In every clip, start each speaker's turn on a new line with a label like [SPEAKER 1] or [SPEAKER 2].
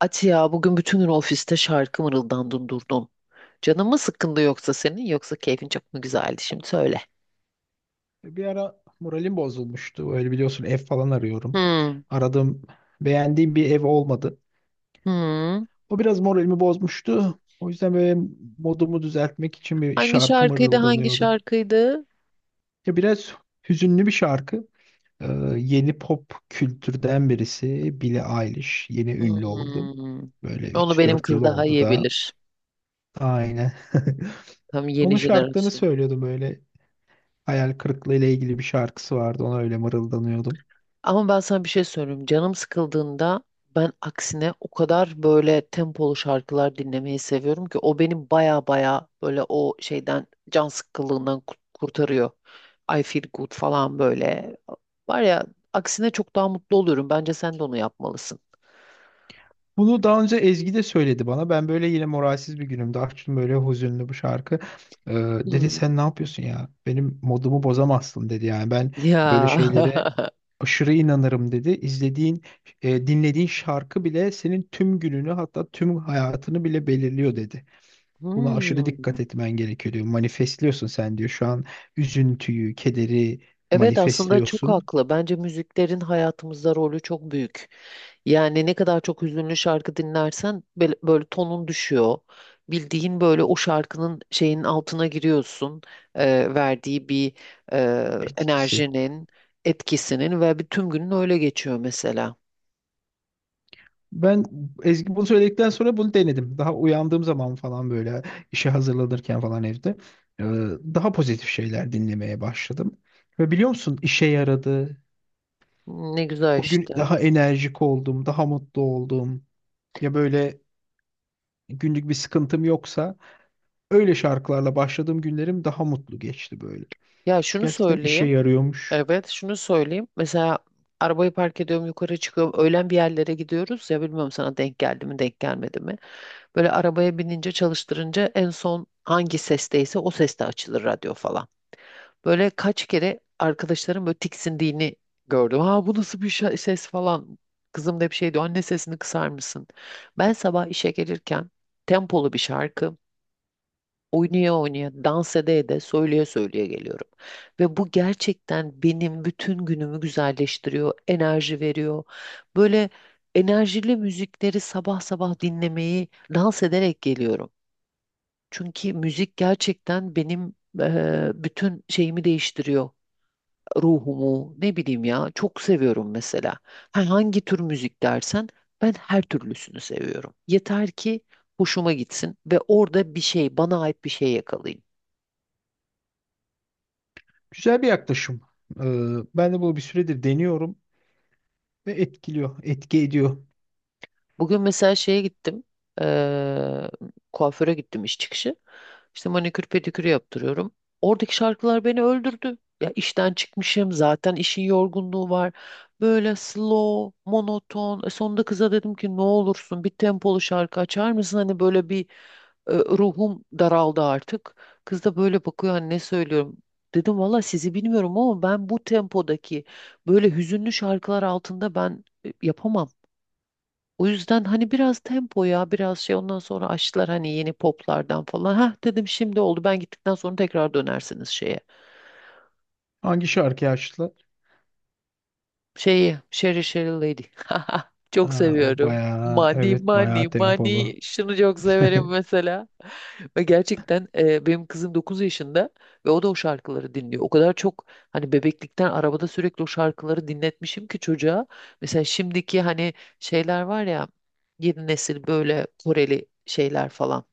[SPEAKER 1] Ati ya bugün bütün gün ofiste şarkı mırıldandın durdun. Canın mı sıkkındı yoksa senin yoksa keyfin çok mu güzeldi şimdi söyle.
[SPEAKER 2] Bir ara moralim bozulmuştu. Öyle biliyorsun ev falan arıyorum.
[SPEAKER 1] Hmm.
[SPEAKER 2] Aradığım, beğendiğim bir ev olmadı.
[SPEAKER 1] Hmm.
[SPEAKER 2] O biraz moralimi bozmuştu. O yüzden böyle modumu düzeltmek için bir
[SPEAKER 1] Hangi
[SPEAKER 2] şarkı
[SPEAKER 1] şarkıydı hangi
[SPEAKER 2] mırıldanıyordu.
[SPEAKER 1] şarkıydı?
[SPEAKER 2] Ya biraz hüzünlü bir şarkı. Ee, yeni pop kültürden birisi Billie Eilish. Yeni ünlü oldu.
[SPEAKER 1] Hmm.
[SPEAKER 2] Böyle
[SPEAKER 1] Onu
[SPEAKER 2] üç
[SPEAKER 1] benim
[SPEAKER 2] dört
[SPEAKER 1] kız
[SPEAKER 2] yıl
[SPEAKER 1] daha
[SPEAKER 2] oldu
[SPEAKER 1] iyi
[SPEAKER 2] da.
[SPEAKER 1] bilir.
[SPEAKER 2] Aynen.
[SPEAKER 1] Tam yeni
[SPEAKER 2] Onun şarkılarını
[SPEAKER 1] jenerasyon.
[SPEAKER 2] söylüyordum böyle. Hayal kırıklığı ile ilgili bir şarkısı vardı. Ona öyle mırıldanıyordum.
[SPEAKER 1] Ama ben sana bir şey söyleyeyim. Canım sıkıldığında ben aksine o kadar böyle tempolu şarkılar dinlemeyi seviyorum ki o benim baya baya böyle o şeyden can sıkkınlığından kurtarıyor. I feel good falan böyle. Var ya aksine çok daha mutlu oluyorum. Bence sen de onu yapmalısın.
[SPEAKER 2] Bunu daha önce Ezgi de söyledi bana. Ben böyle yine moralsiz bir günümde açtım böyle hüzünlü bu şarkı. Ee, dedi
[SPEAKER 1] Hmm.
[SPEAKER 2] sen ne yapıyorsun ya? Benim modumu bozamazsın dedi. Yani ben
[SPEAKER 1] Ya.
[SPEAKER 2] böyle şeylere aşırı inanırım dedi. İzlediğin, dinlediğin şarkı bile senin tüm gününü hatta tüm hayatını bile belirliyor dedi. Buna aşırı
[SPEAKER 1] Hmm.
[SPEAKER 2] dikkat etmen gerekiyor diyor. Manifestliyorsun sen diyor. Şu an üzüntüyü, kederi
[SPEAKER 1] Evet aslında çok
[SPEAKER 2] manifestliyorsun
[SPEAKER 1] haklı. Bence müziklerin hayatımızda rolü çok büyük. Yani ne kadar çok hüzünlü şarkı dinlersen böyle, böyle tonun düşüyor. Bildiğin böyle o şarkının şeyin altına giriyorsun. Verdiği bir
[SPEAKER 2] etkisi.
[SPEAKER 1] enerjinin, etkisinin ve bir tüm günün öyle geçiyor mesela.
[SPEAKER 2] Ben Ezgi bunu söyledikten sonra bunu denedim. Daha uyandığım zaman falan böyle işe hazırlanırken falan evde e, daha pozitif şeyler dinlemeye başladım. Ve biliyor musun işe yaradı.
[SPEAKER 1] Ne güzel
[SPEAKER 2] O gün
[SPEAKER 1] işte.
[SPEAKER 2] daha enerjik oldum, daha mutlu oldum. Ya böyle günlük bir sıkıntım yoksa öyle şarkılarla başladığım günlerim daha mutlu geçti böyle.
[SPEAKER 1] Ya şunu
[SPEAKER 2] Gerçekten işe
[SPEAKER 1] söyleyeyim.
[SPEAKER 2] yarıyormuş.
[SPEAKER 1] Evet, şunu söyleyeyim. Mesela arabayı park ediyorum, yukarı çıkıyorum. Öğlen bir yerlere gidiyoruz ya bilmiyorum sana denk geldi mi, denk gelmedi mi. Böyle arabaya binince çalıştırınca en son hangi sesteyse o seste açılır radyo falan. Böyle kaç kere arkadaşlarım böyle tiksindiğini gördüm. Ha bu nasıl bir ses falan. Kızım da bir şey diyor. Anne sesini kısar mısın? Ben sabah işe gelirken tempolu bir şarkı oynaya oynaya, dans ede ede, söyleye söyleye geliyorum. Ve bu gerçekten benim bütün günümü güzelleştiriyor, enerji veriyor. Böyle enerjili müzikleri sabah sabah dinlemeyi dans ederek geliyorum. Çünkü müzik gerçekten benim bütün şeyimi değiştiriyor. Ruhumu, ne bileyim ya, çok seviyorum mesela. Ha, hangi tür müzik dersen ben her türlüsünü seviyorum. Yeter ki hoşuma gitsin ve orada bir şey, bana ait bir şey yakalayayım.
[SPEAKER 2] Güzel bir yaklaşım. E, Ben de bunu bir süredir deniyorum ve etkiliyor, etki ediyor.
[SPEAKER 1] Bugün mesela şeye gittim. eee, Kuaföre gittim iş çıkışı. İşte manikür pedikürü yaptırıyorum. Oradaki şarkılar beni öldürdü. Ya işten çıkmışım zaten işin yorgunluğu var. Böyle slow, monoton. E sonunda kıza dedim ki ne olursun bir tempolu şarkı açar mısın? Hani böyle bir ruhum daraldı artık. Kız da böyle bakıyor hani ne söylüyorum. Dedim valla sizi bilmiyorum ama ben bu tempodaki böyle hüzünlü şarkılar altında ben yapamam. O yüzden hani biraz tempo ya biraz şey ondan sonra açtılar hani yeni poplardan falan. Hah dedim şimdi oldu ben gittikten sonra tekrar dönersiniz şeye.
[SPEAKER 2] Hangi şarkıyı açtı?
[SPEAKER 1] Şeyi Sherry Sherry Lady. Çok
[SPEAKER 2] Ha, o
[SPEAKER 1] seviyorum.
[SPEAKER 2] bayağı
[SPEAKER 1] Money
[SPEAKER 2] evet
[SPEAKER 1] money
[SPEAKER 2] bayağı tempolu.
[SPEAKER 1] money şunu çok severim mesela. Ve gerçekten benim kızım 9 yaşında ve o da o şarkıları dinliyor. O kadar çok hani bebeklikten arabada sürekli o şarkıları dinletmişim ki çocuğa. Mesela şimdiki hani şeyler var ya yeni nesil böyle Koreli şeyler falan.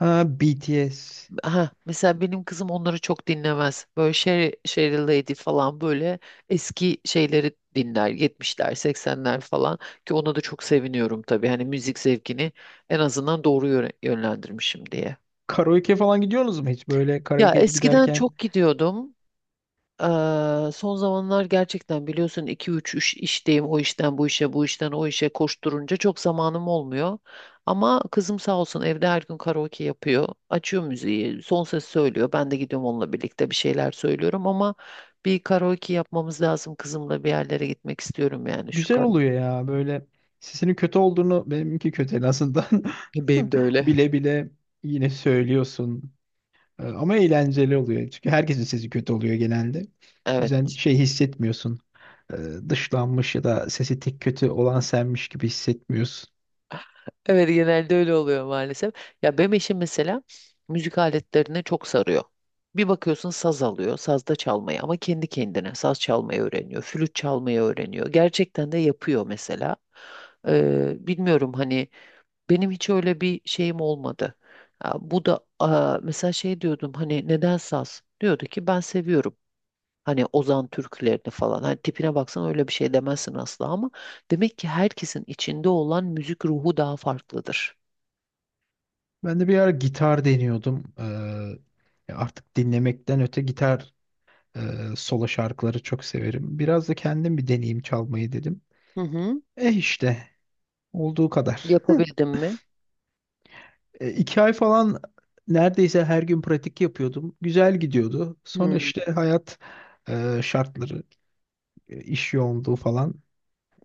[SPEAKER 2] Ha BTS.
[SPEAKER 1] Aha, mesela benim kızım onları çok dinlemez. Böyle Sheryl Lady falan böyle eski şeyleri dinler. Yetmişler, seksenler falan ki ona da çok seviniyorum tabii. Hani müzik zevkini en azından doğru yönlendirmişim diye.
[SPEAKER 2] Karaoke falan gidiyorsunuz mu hiç? Böyle
[SPEAKER 1] Ya
[SPEAKER 2] karaoke'ye
[SPEAKER 1] eskiden
[SPEAKER 2] giderken
[SPEAKER 1] çok gidiyordum. Son zamanlar gerçekten biliyorsun iki üç iş, işteyim o işten bu işe bu işten o işe koşturunca çok zamanım olmuyor. Ama kızım sağ olsun evde her gün karaoke yapıyor. Açıyor müziği son ses söylüyor. Ben de gidiyorum onunla birlikte bir şeyler söylüyorum ama bir karaoke yapmamız lazım kızımla bir yerlere gitmek istiyorum yani şu
[SPEAKER 2] güzel
[SPEAKER 1] karaoke.
[SPEAKER 2] oluyor ya. Böyle sesinin kötü olduğunu benimki kötü en azından
[SPEAKER 1] Benim de öyle.
[SPEAKER 2] bile bile yine söylüyorsun. Ama eğlenceli oluyor. Çünkü herkesin sesi kötü oluyor genelde. O yüzden
[SPEAKER 1] Evet.
[SPEAKER 2] şey hissetmiyorsun. Ee, Dışlanmış ya da sesi tek kötü olan senmiş gibi hissetmiyorsun.
[SPEAKER 1] Evet genelde öyle oluyor maalesef. Ya benim eşim mesela müzik aletlerine çok sarıyor. Bir bakıyorsun saz alıyor, sazda çalmayı ama kendi kendine saz çalmayı öğreniyor, flüt çalmayı öğreniyor. Gerçekten de yapıyor mesela. Bilmiyorum hani benim hiç öyle bir şeyim olmadı. Ya bu da mesela şey diyordum hani neden saz? Diyordu ki ben seviyorum. Hani Ozan türkülerini falan. Hani tipine baksan öyle bir şey demezsin asla ama demek ki herkesin içinde olan müzik ruhu daha farklıdır.
[SPEAKER 2] Ben de bir ara gitar deniyordum. Artık dinlemekten öte gitar e, solo şarkıları çok severim. Biraz da kendim bir deneyeyim çalmayı dedim.
[SPEAKER 1] Hı hı.
[SPEAKER 2] E işte olduğu kadar.
[SPEAKER 1] Yapabildim mi?
[SPEAKER 2] 2 ay falan neredeyse her gün pratik yapıyordum. Güzel gidiyordu. Sonra
[SPEAKER 1] Hı,
[SPEAKER 2] işte hayat şartları, iş yoğunluğu falan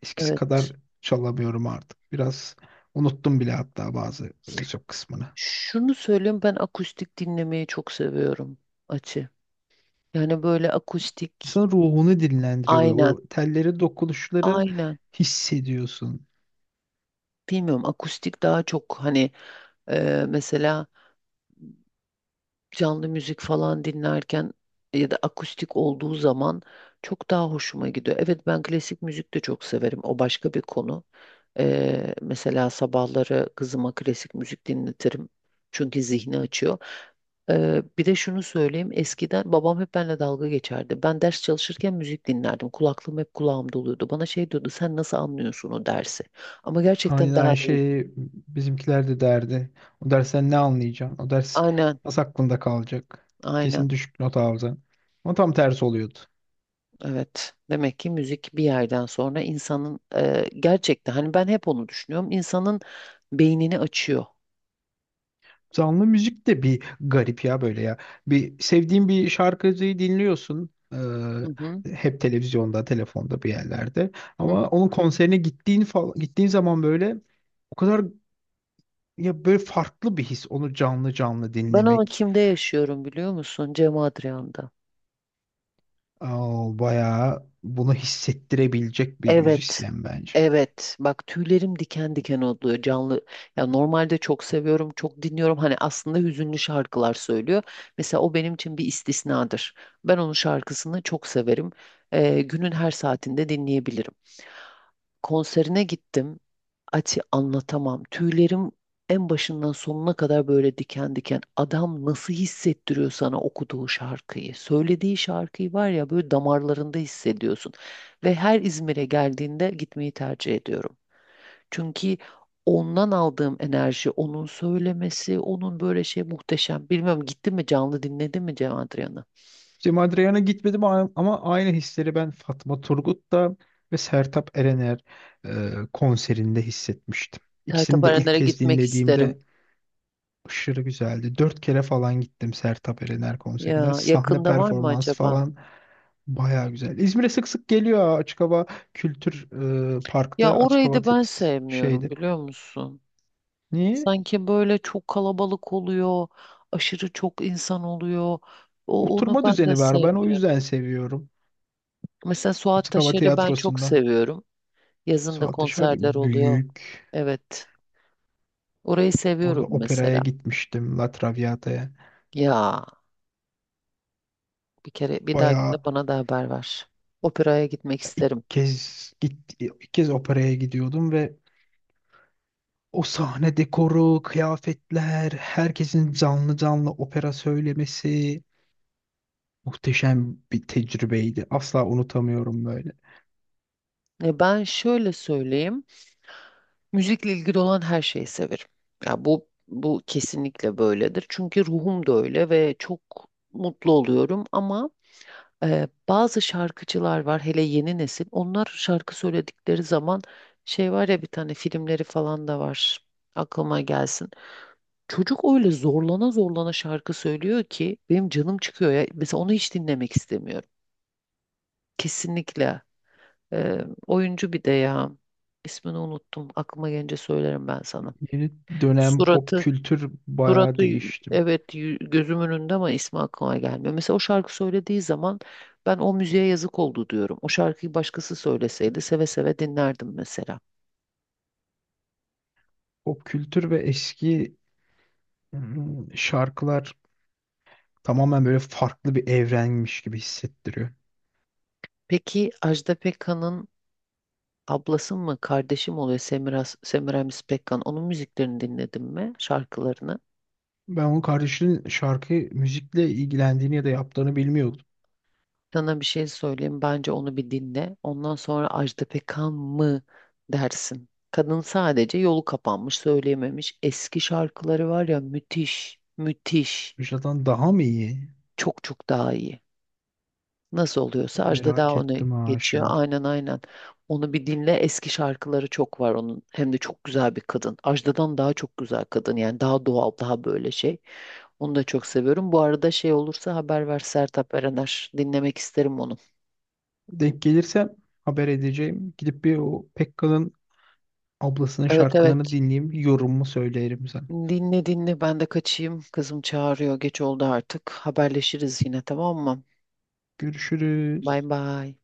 [SPEAKER 2] eskisi
[SPEAKER 1] evet.
[SPEAKER 2] kadar çalamıyorum artık. Biraz unuttum bile hatta bazı birçok kısmını.
[SPEAKER 1] Şunu söyleyeyim ben akustik dinlemeyi çok seviyorum açı. Yani böyle akustik
[SPEAKER 2] İnsanın ruhunu dinlendiriyor böyle.
[SPEAKER 1] aynen
[SPEAKER 2] O tellerin dokunuşları
[SPEAKER 1] aynen
[SPEAKER 2] hissediyorsun.
[SPEAKER 1] bilmiyorum akustik daha çok hani mesela canlı müzik falan dinlerken ya da akustik olduğu zaman çok daha hoşuma gidiyor. Evet ben klasik müzik de çok severim o başka bir konu. Mesela sabahları kızıma klasik müzik dinletirim. Çünkü zihni açıyor. Bir de şunu söyleyeyim. Eskiden babam hep benimle dalga geçerdi. Ben ders çalışırken müzik dinlerdim. Kulaklığım hep kulağımda oluyordu. Bana şey diyordu, sen nasıl anlıyorsun o dersi? Ama gerçekten
[SPEAKER 2] Aynı,
[SPEAKER 1] daha
[SPEAKER 2] aynı
[SPEAKER 1] iyi.
[SPEAKER 2] şey bizimkiler de derdi. O dersten ne anlayacaksın? O ders
[SPEAKER 1] Aynen,
[SPEAKER 2] nasıl aklında kalacak?
[SPEAKER 1] aynen.
[SPEAKER 2] Kesin düşük not alacaksın. Ama tam tersi oluyordu.
[SPEAKER 1] Evet. Demek ki müzik bir yerden sonra insanın gerçekten hani ben hep onu düşünüyorum. İnsanın beynini açıyor.
[SPEAKER 2] Canlı müzik de bir garip ya böyle ya. Bir sevdiğin bir şarkıcıyı dinliyorsun.
[SPEAKER 1] Hı hı,
[SPEAKER 2] Hep televizyonda, telefonda bir yerlerde.
[SPEAKER 1] hı hı.
[SPEAKER 2] Ama onun konserine gittiğin zaman böyle o kadar ya böyle farklı bir his onu canlı canlı
[SPEAKER 1] Ben onu
[SPEAKER 2] dinlemek.
[SPEAKER 1] kimde yaşıyorum biliyor musun? Cem Adrian'da.
[SPEAKER 2] Aa, bayağı bunu hissettirebilecek bir
[SPEAKER 1] Evet.
[SPEAKER 2] müzisyen bence.
[SPEAKER 1] Evet. Bak tüylerim diken diken oluyor canlı. Ya normalde çok seviyorum, çok dinliyorum. Hani aslında hüzünlü şarkılar söylüyor. Mesela o benim için bir istisnadır. Ben onun şarkısını çok severim. Günün her saatinde dinleyebilirim konserine gittim. Ati anlatamam. Tüylerim en başından sonuna kadar böyle diken diken. Adam nasıl hissettiriyor sana okuduğu şarkıyı? Söylediği şarkıyı var ya böyle damarlarında hissediyorsun. Ve her İzmir'e geldiğinde gitmeyi tercih ediyorum. Çünkü ondan aldığım enerji, onun söylemesi, onun böyle şey muhteşem. Bilmiyorum gitti mi canlı dinledi mi Cem Adrian'ı?
[SPEAKER 2] İşte Madriyan'a gitmedim ama aynı hisleri ben Fatma Turgut'ta ve Sertab Erener konserinde hissetmiştim. İkisini de ilk
[SPEAKER 1] Tertaparanlara
[SPEAKER 2] kez
[SPEAKER 1] gitmek isterim.
[SPEAKER 2] dinlediğimde aşırı güzeldi. 4 kere falan gittim Sertab Erener konserine.
[SPEAKER 1] Ya
[SPEAKER 2] Sahne
[SPEAKER 1] yakında var mı
[SPEAKER 2] performansı
[SPEAKER 1] acaba?
[SPEAKER 2] falan baya güzel. İzmir'e sık sık geliyor Açık Hava Kültür
[SPEAKER 1] Ya
[SPEAKER 2] Park'ta. Açık
[SPEAKER 1] orayı
[SPEAKER 2] Hava
[SPEAKER 1] da ben sevmiyorum
[SPEAKER 2] şeydi.
[SPEAKER 1] biliyor musun?
[SPEAKER 2] Niye?
[SPEAKER 1] Sanki böyle çok kalabalık oluyor, aşırı çok insan oluyor. Onu
[SPEAKER 2] Oturma
[SPEAKER 1] ben de
[SPEAKER 2] düzeni var. Ben o
[SPEAKER 1] sevmiyorum.
[SPEAKER 2] yüzden seviyorum.
[SPEAKER 1] Mesela Suat
[SPEAKER 2] Açık Hava
[SPEAKER 1] Taşer'i ben çok
[SPEAKER 2] Tiyatrosu'nda.
[SPEAKER 1] seviyorum. Yazın da
[SPEAKER 2] Suat Yaşar
[SPEAKER 1] konserler oluyor.
[SPEAKER 2] büyük.
[SPEAKER 1] Evet. Orayı seviyorum
[SPEAKER 2] Orada operaya
[SPEAKER 1] mesela.
[SPEAKER 2] gitmiştim. La Traviata'ya.
[SPEAKER 1] Ya bir kere bir
[SPEAKER 2] Baya
[SPEAKER 1] dahakine bana da haber ver. Operaya gitmek isterim.
[SPEAKER 2] ilk kez operaya gidiyordum ve o sahne dekoru, kıyafetler, herkesin canlı canlı opera söylemesi muhteşem bir tecrübeydi. Asla unutamıyorum böyle.
[SPEAKER 1] E ben şöyle söyleyeyim. Müzikle ilgili olan her şeyi severim. Ya bu kesinlikle böyledir. Çünkü ruhum da öyle ve çok mutlu oluyorum ama bazı şarkıcılar var hele yeni nesil. Onlar şarkı söyledikleri zaman şey var ya bir tane filmleri falan da var. Aklıma gelsin. Çocuk öyle zorlana zorlana şarkı söylüyor ki benim canım çıkıyor ya. Mesela onu hiç dinlemek istemiyorum. Kesinlikle. E, oyuncu bir de ya. İsmini unuttum. Aklıma gelince söylerim ben sana.
[SPEAKER 2] Yeni dönem pop
[SPEAKER 1] Suratı
[SPEAKER 2] kültür bayağı değişti.
[SPEAKER 1] Evet gözümün önünde ama ismi aklıma gelmiyor. Mesela o şarkı söylediği zaman ben o müziğe yazık oldu diyorum. O şarkıyı başkası söyleseydi seve seve dinlerdim mesela.
[SPEAKER 2] Pop kültür ve eski şarkılar tamamen böyle farklı bir evrenmiş gibi hissettiriyor.
[SPEAKER 1] Peki Ajda Pekkan'ın ablası mı kardeşim oluyor Semiramis Pekkan onun müziklerini dinledin mi şarkılarını?
[SPEAKER 2] Ben onun kardeşinin müzikle ilgilendiğini ya da yaptığını bilmiyordum.
[SPEAKER 1] Sana bir şey söyleyeyim bence onu bir dinle. Ondan sonra Ajda Pekkan mı dersin. Kadın sadece yolu kapanmış, söyleyememiş. Eski şarkıları var ya müthiş, müthiş.
[SPEAKER 2] Vücuttan daha mı iyi?
[SPEAKER 1] Çok çok daha iyi. Nasıl oluyorsa Ajda daha
[SPEAKER 2] Merak
[SPEAKER 1] onu
[SPEAKER 2] ettim ha
[SPEAKER 1] geçiyor.
[SPEAKER 2] şimdi.
[SPEAKER 1] Aynen aynen. Onu bir dinle. Eski şarkıları çok var onun. Hem de çok güzel bir kadın. Ajda'dan daha çok güzel kadın. Yani daha doğal, daha böyle şey. Onu da çok seviyorum. Bu arada şey olursa haber ver Sertab Erener. Dinlemek isterim onu.
[SPEAKER 2] Denk gelirsem haber edeceğim. Gidip bir o Pekkal'ın ablasının
[SPEAKER 1] Evet evet.
[SPEAKER 2] şarkılarını dinleyeyim. Yorumumu söylerim sana.
[SPEAKER 1] Dinle dinle. Ben de kaçayım. Kızım çağırıyor. Geç oldu artık. Haberleşiriz yine tamam mı? Bay
[SPEAKER 2] Görüşürüz.
[SPEAKER 1] bay.